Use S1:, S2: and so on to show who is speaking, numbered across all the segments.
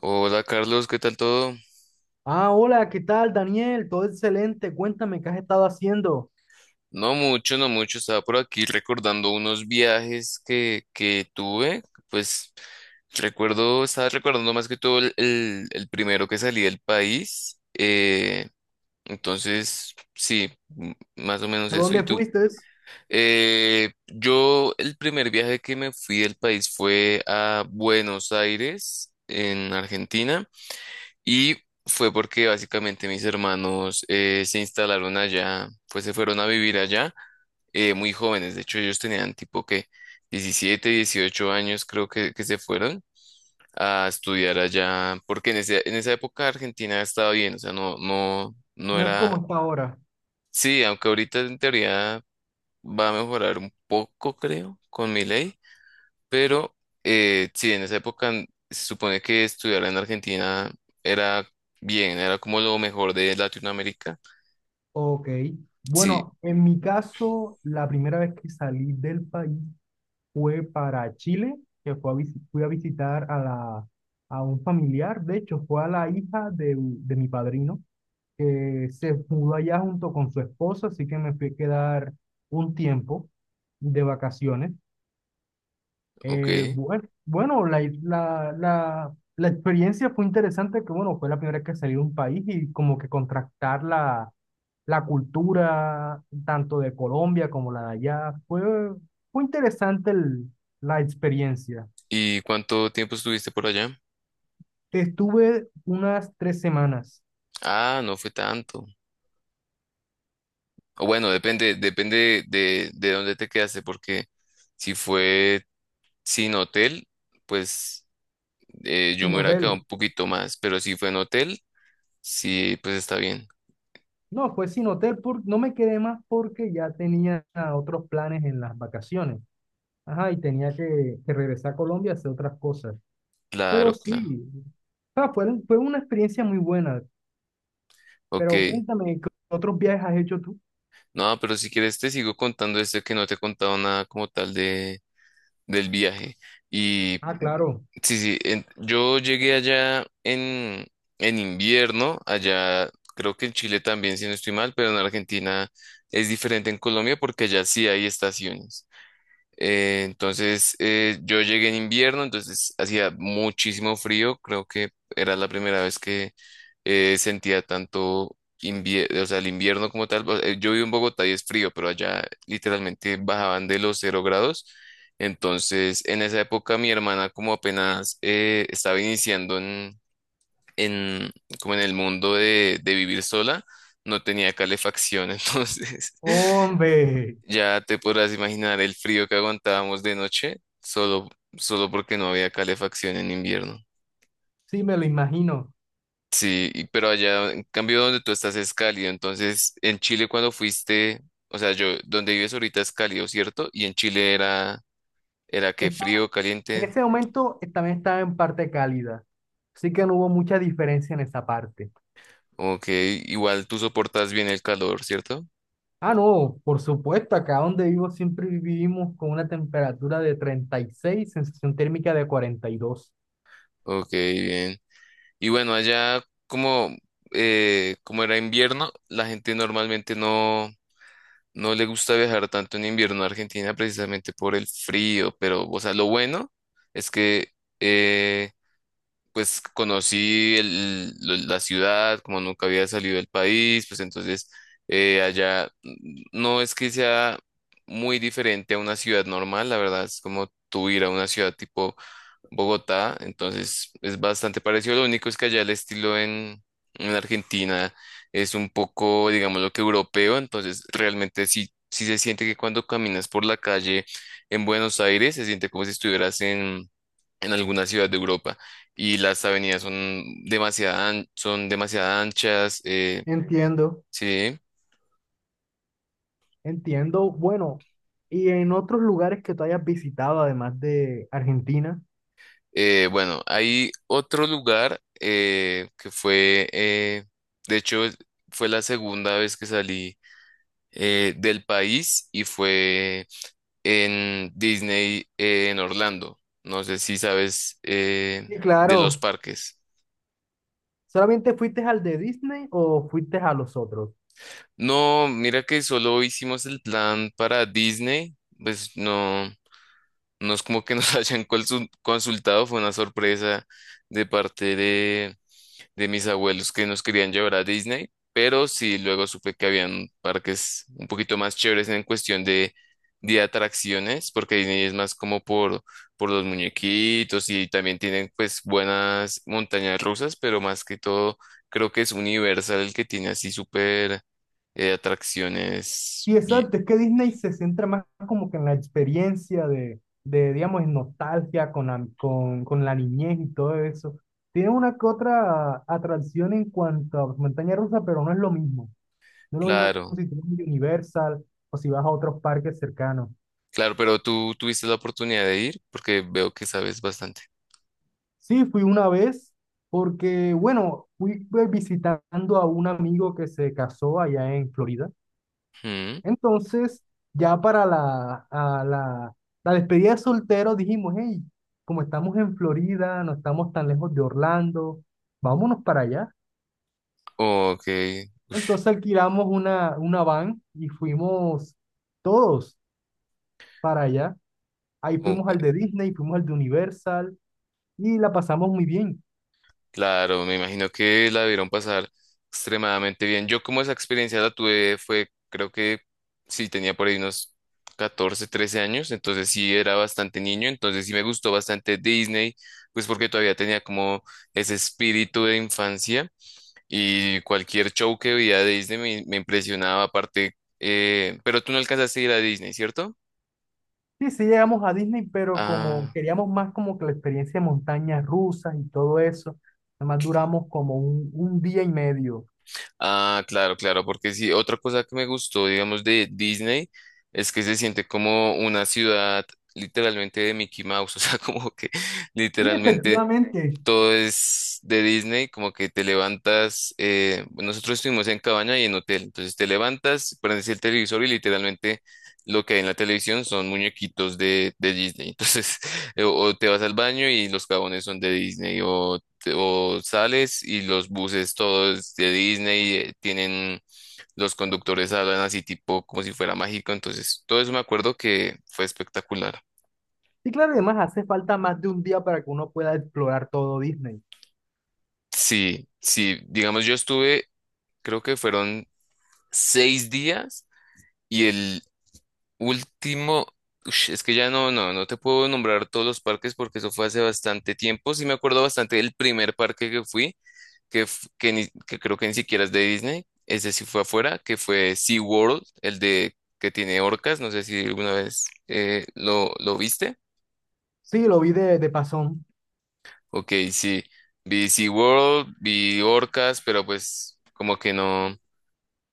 S1: Hola Carlos, ¿qué tal todo?
S2: Ah, hola, ¿qué tal, Daniel? Todo excelente. Cuéntame, ¿qué has estado haciendo?
S1: No mucho, no mucho, estaba por aquí recordando unos viajes que tuve, pues recuerdo, estaba recordando más que todo el primero que salí del país, entonces sí, más o menos
S2: ¿A
S1: eso. ¿Y
S2: dónde
S1: tú?
S2: fuiste?
S1: Yo el primer viaje que me fui del país fue a Buenos Aires, en Argentina. Y fue porque básicamente mis hermanos se instalaron allá, pues se fueron a vivir allá muy jóvenes. De hecho, ellos tenían tipo que 17 18 años creo que se fueron a estudiar allá, porque en esa época Argentina estaba bien, o sea, no, no, no
S2: No es
S1: era,
S2: como está ahora.
S1: sí, aunque ahorita en teoría va a mejorar un poco, creo, con mi ley pero sí, en esa época se supone que estudiar en Argentina era bien, era como lo mejor de Latinoamérica.
S2: Ok.
S1: Sí,
S2: Bueno, en mi caso, la primera vez que salí del país fue para Chile, que fui a visitar a, a un familiar. De hecho, fue a la hija de mi padrino, que se mudó allá junto con su esposa, así que me fui a quedar un tiempo de vacaciones. Eh,
S1: ok.
S2: bue- bueno, la experiencia fue interesante, que bueno, fue la primera vez que salí de un país y como que contrastar la cultura tanto de Colombia como la de allá. Fue interesante la experiencia.
S1: ¿Y cuánto tiempo estuviste por allá?
S2: Estuve unas 3 semanas
S1: Ah, no fue tanto. O bueno, depende, depende de dónde te quedaste, porque si fue sin hotel, pues yo
S2: sin
S1: me hubiera
S2: hotel.
S1: quedado un poquito más, pero si fue en hotel, sí, pues está bien.
S2: No, fue sin hotel, no me quedé más porque ya tenía otros planes en las vacaciones. Ajá, y tenía que regresar a Colombia a hacer otras cosas. Pero
S1: Claro, claro.
S2: sí. Ah, fue una experiencia muy buena, pero
S1: Ok.
S2: cuéntame, ¿qué otros viajes has hecho tú?
S1: No, pero si quieres te sigo contando este que no te he contado nada como tal de, del viaje. Y
S2: Ah, claro.
S1: sí, sí, yo llegué allá en invierno, allá creo que en Chile también, si no estoy mal, pero en Argentina es diferente en Colombia porque allá sí hay estaciones. Entonces yo llegué en invierno, entonces hacía muchísimo frío, creo que era la primera vez sentía tanto o sea, el invierno como tal. Yo vivo en Bogotá y es frío, pero allá literalmente bajaban de los 0 grados. Entonces, en esa época mi hermana como apenas estaba iniciando en, en- como en el mundo de vivir sola, no tenía calefacción, entonces
S2: Hombre,
S1: ya te podrás imaginar el frío que aguantábamos de noche solo, solo porque no había calefacción en invierno.
S2: sí, me lo imagino.
S1: Sí, pero allá, en cambio, donde tú estás es cálido. Entonces, en Chile cuando fuiste, o sea, yo, donde vives ahorita es cálido, ¿cierto? Y en Chile era, era que
S2: Estaba-
S1: frío,
S2: en
S1: caliente.
S2: ese momento también estaba en parte cálida, así que no hubo mucha diferencia en esa parte.
S1: Ok, igual tú soportas bien el calor, ¿cierto?
S2: Ah, no, por supuesto, acá donde vivo siempre vivimos con una temperatura de 36, sensación térmica de 42.
S1: Ok, bien. Y bueno, allá como, como era invierno, la gente normalmente no, no le gusta viajar tanto en invierno a Argentina precisamente por el frío, pero, o sea, lo bueno es que... eh, pues conocí la ciudad, como nunca había salido del país, pues entonces allá mm, no es que sea muy diferente a una ciudad normal, la verdad es como tú ir a una ciudad tipo Bogotá, entonces es bastante parecido, lo único es que allá el estilo en Argentina es un poco, digamos, lo que europeo, entonces realmente sí, sí se siente que cuando caminas por la calle en Buenos Aires se siente como si estuvieras en alguna ciudad de Europa y las avenidas son son demasiado anchas,
S2: Entiendo,
S1: sí.
S2: entiendo. Bueno, ¿y en otros lugares que tú hayas visitado, además de Argentina?
S1: Bueno, hay otro lugar que fue, de hecho, fue la segunda vez que salí del país y fue en Disney en Orlando. No sé si sabes
S2: Sí,
S1: de los
S2: claro.
S1: parques.
S2: ¿Solamente fuiste al de Disney o fuiste a los otros?
S1: No, mira que solo hicimos el plan para Disney, pues no. No es como que nos consultado, fue una sorpresa de parte de mis abuelos que nos querían llevar a Disney, pero sí luego supe que habían parques un poquito más chéveres en cuestión de atracciones, porque Disney es más como por los muñequitos y también tienen pues buenas montañas rusas, pero más que todo creo que es Universal el que tiene así súper atracciones.
S2: Y
S1: Y,
S2: exacto, es que Disney se centra más como que en la experiencia de, digamos, en nostalgia con la niñez y todo eso. Tiene una que otra atracción en cuanto a montaña rusa, pero no es lo mismo. No es lo mismo
S1: claro.
S2: si tú vas a Universal o si vas a otros parques cercanos.
S1: Claro, pero tú tuviste la oportunidad de ir porque veo que sabes bastante.
S2: Sí, fui una vez porque, bueno, fui pues, visitando a un amigo que se casó allá en Florida.
S1: Mm,
S2: Entonces, ya para la despedida de soltero dijimos, hey, como estamos en Florida, no estamos tan lejos de Orlando, vámonos para allá.
S1: ok,
S2: Entonces alquilamos una van y fuimos todos para allá. Ahí fuimos al
S1: ok.
S2: de Disney, fuimos al de Universal y la pasamos muy bien.
S1: Claro, me imagino que la debieron pasar extremadamente bien. Yo como esa experiencia la tuve fue, creo que sí, tenía por ahí unos 14, 13 años, entonces sí era bastante niño, entonces sí me gustó bastante Disney, pues porque todavía tenía como ese espíritu de infancia y cualquier show que veía de Disney me, me impresionaba aparte, pero tú no alcanzaste a ir a Disney, ¿cierto?
S2: Sí, sí llegamos a Disney, pero como
S1: Ah,
S2: queríamos más como que la experiencia de montañas rusas y todo eso, además
S1: ok.
S2: duramos como un día y medio.
S1: Ah, claro, claro, porque sí, otra cosa que me gustó, digamos, de Disney es que se siente como una ciudad literalmente de Mickey Mouse, o sea, como que
S2: Y
S1: literalmente
S2: efectivamente.
S1: todo es de Disney, como que te levantas, nosotros estuvimos en cabaña y en hotel, entonces te levantas, prendes el televisor y literalmente lo que hay en la televisión son muñequitos de Disney, entonces o te vas al baño y los jabones son de Disney, o, o sales y los buses todos de Disney, tienen, los conductores hablan así tipo como si fuera mágico, entonces todo eso me acuerdo que fue espectacular.
S2: Sí, claro, y además hace falta más de un día para que uno pueda explorar todo Disney.
S1: Sí, sí, digamos yo estuve, creo que fueron 6 días y el último, ush, es que ya no, no, no te puedo nombrar todos los parques porque eso fue hace bastante tiempo. Sí me acuerdo bastante del primer parque que fui, que creo que ni siquiera es de Disney, ese sí fue afuera, que fue SeaWorld, el de que tiene orcas, no sé si alguna vez lo viste.
S2: Sí, lo vi de pasón.
S1: Ok, sí, vi SeaWorld, vi orcas, pero pues como que no.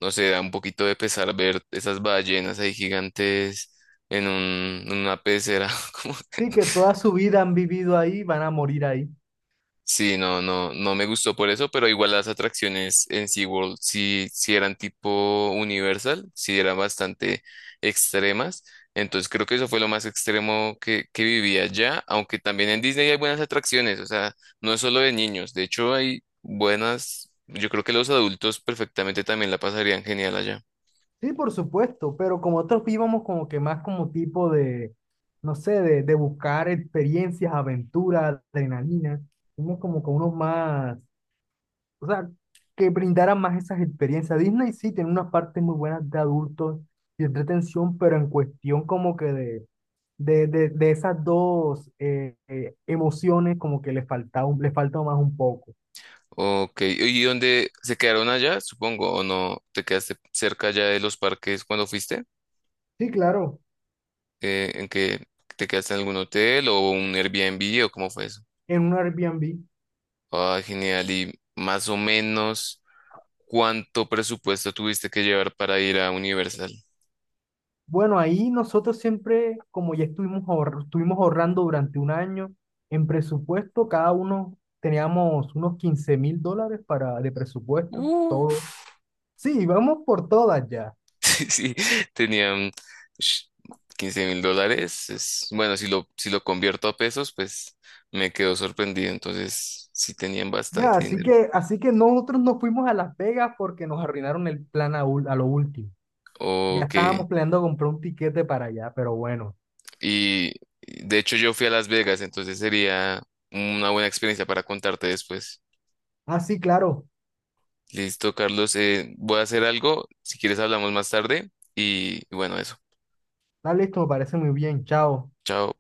S1: No sé, da un poquito de pesar ver esas ballenas ahí gigantes en un, en una pecera. Como-
S2: Sí, que toda su vida han vivido ahí, van a morir ahí.
S1: Sí, no, no, no me gustó por eso, pero igual las atracciones en SeaWorld sí, sí eran tipo Universal, sí eran bastante extremas. Entonces creo que eso fue lo más extremo que viví allá, aunque también en Disney hay buenas atracciones, o sea, no es solo de niños, de hecho hay buenas, yo creo que los adultos perfectamente también la pasarían genial allá.
S2: Sí, por supuesto, pero como otros íbamos como que más como tipo de, no sé, de buscar experiencias, aventuras, adrenalina. Fuimos como con unos más, o sea, que brindaran más esas experiencias. Disney sí tiene unas partes muy buenas de adultos y entretención, pero en cuestión como que de esas dos emociones como que les falta, les falta más un poco.
S1: Ok, ¿y dónde se quedaron allá? Supongo, ¿o no? ¿Te quedaste cerca ya de los parques cuando fuiste?
S2: Sí, claro.
S1: ¿En que te quedaste en algún hotel o un Airbnb o cómo fue eso?
S2: En un Airbnb.
S1: Ah, genial. ¿Y más o menos cuánto presupuesto tuviste que llevar para ir a Universal?
S2: Bueno, ahí nosotros siempre, como ya estuvimos, estuvimos ahorrando durante un año, en presupuesto cada uno teníamos unos 15.000 dólares de presupuesto,
S1: Uh.
S2: todo. Sí, vamos por todas ya.
S1: Sí, sí, tenían ush, $15.000. Bueno, si lo, si lo convierto a pesos, pues me quedo sorprendido. Entonces, sí tenían
S2: Ya,
S1: bastante
S2: así
S1: dinero.
S2: que, así que nosotros nos fuimos a Las Vegas porque nos arruinaron el plan a lo último. Ya
S1: Ok.
S2: estábamos planeando comprar un tiquete para allá, pero bueno.
S1: Y de hecho yo fui a Las Vegas, entonces sería una buena experiencia para contarte después.
S2: Ah, sí, claro.
S1: Listo, Carlos, voy a hacer algo. Si quieres hablamos más tarde. Y bueno, eso.
S2: Está listo, me parece muy bien. Chao.
S1: Chao.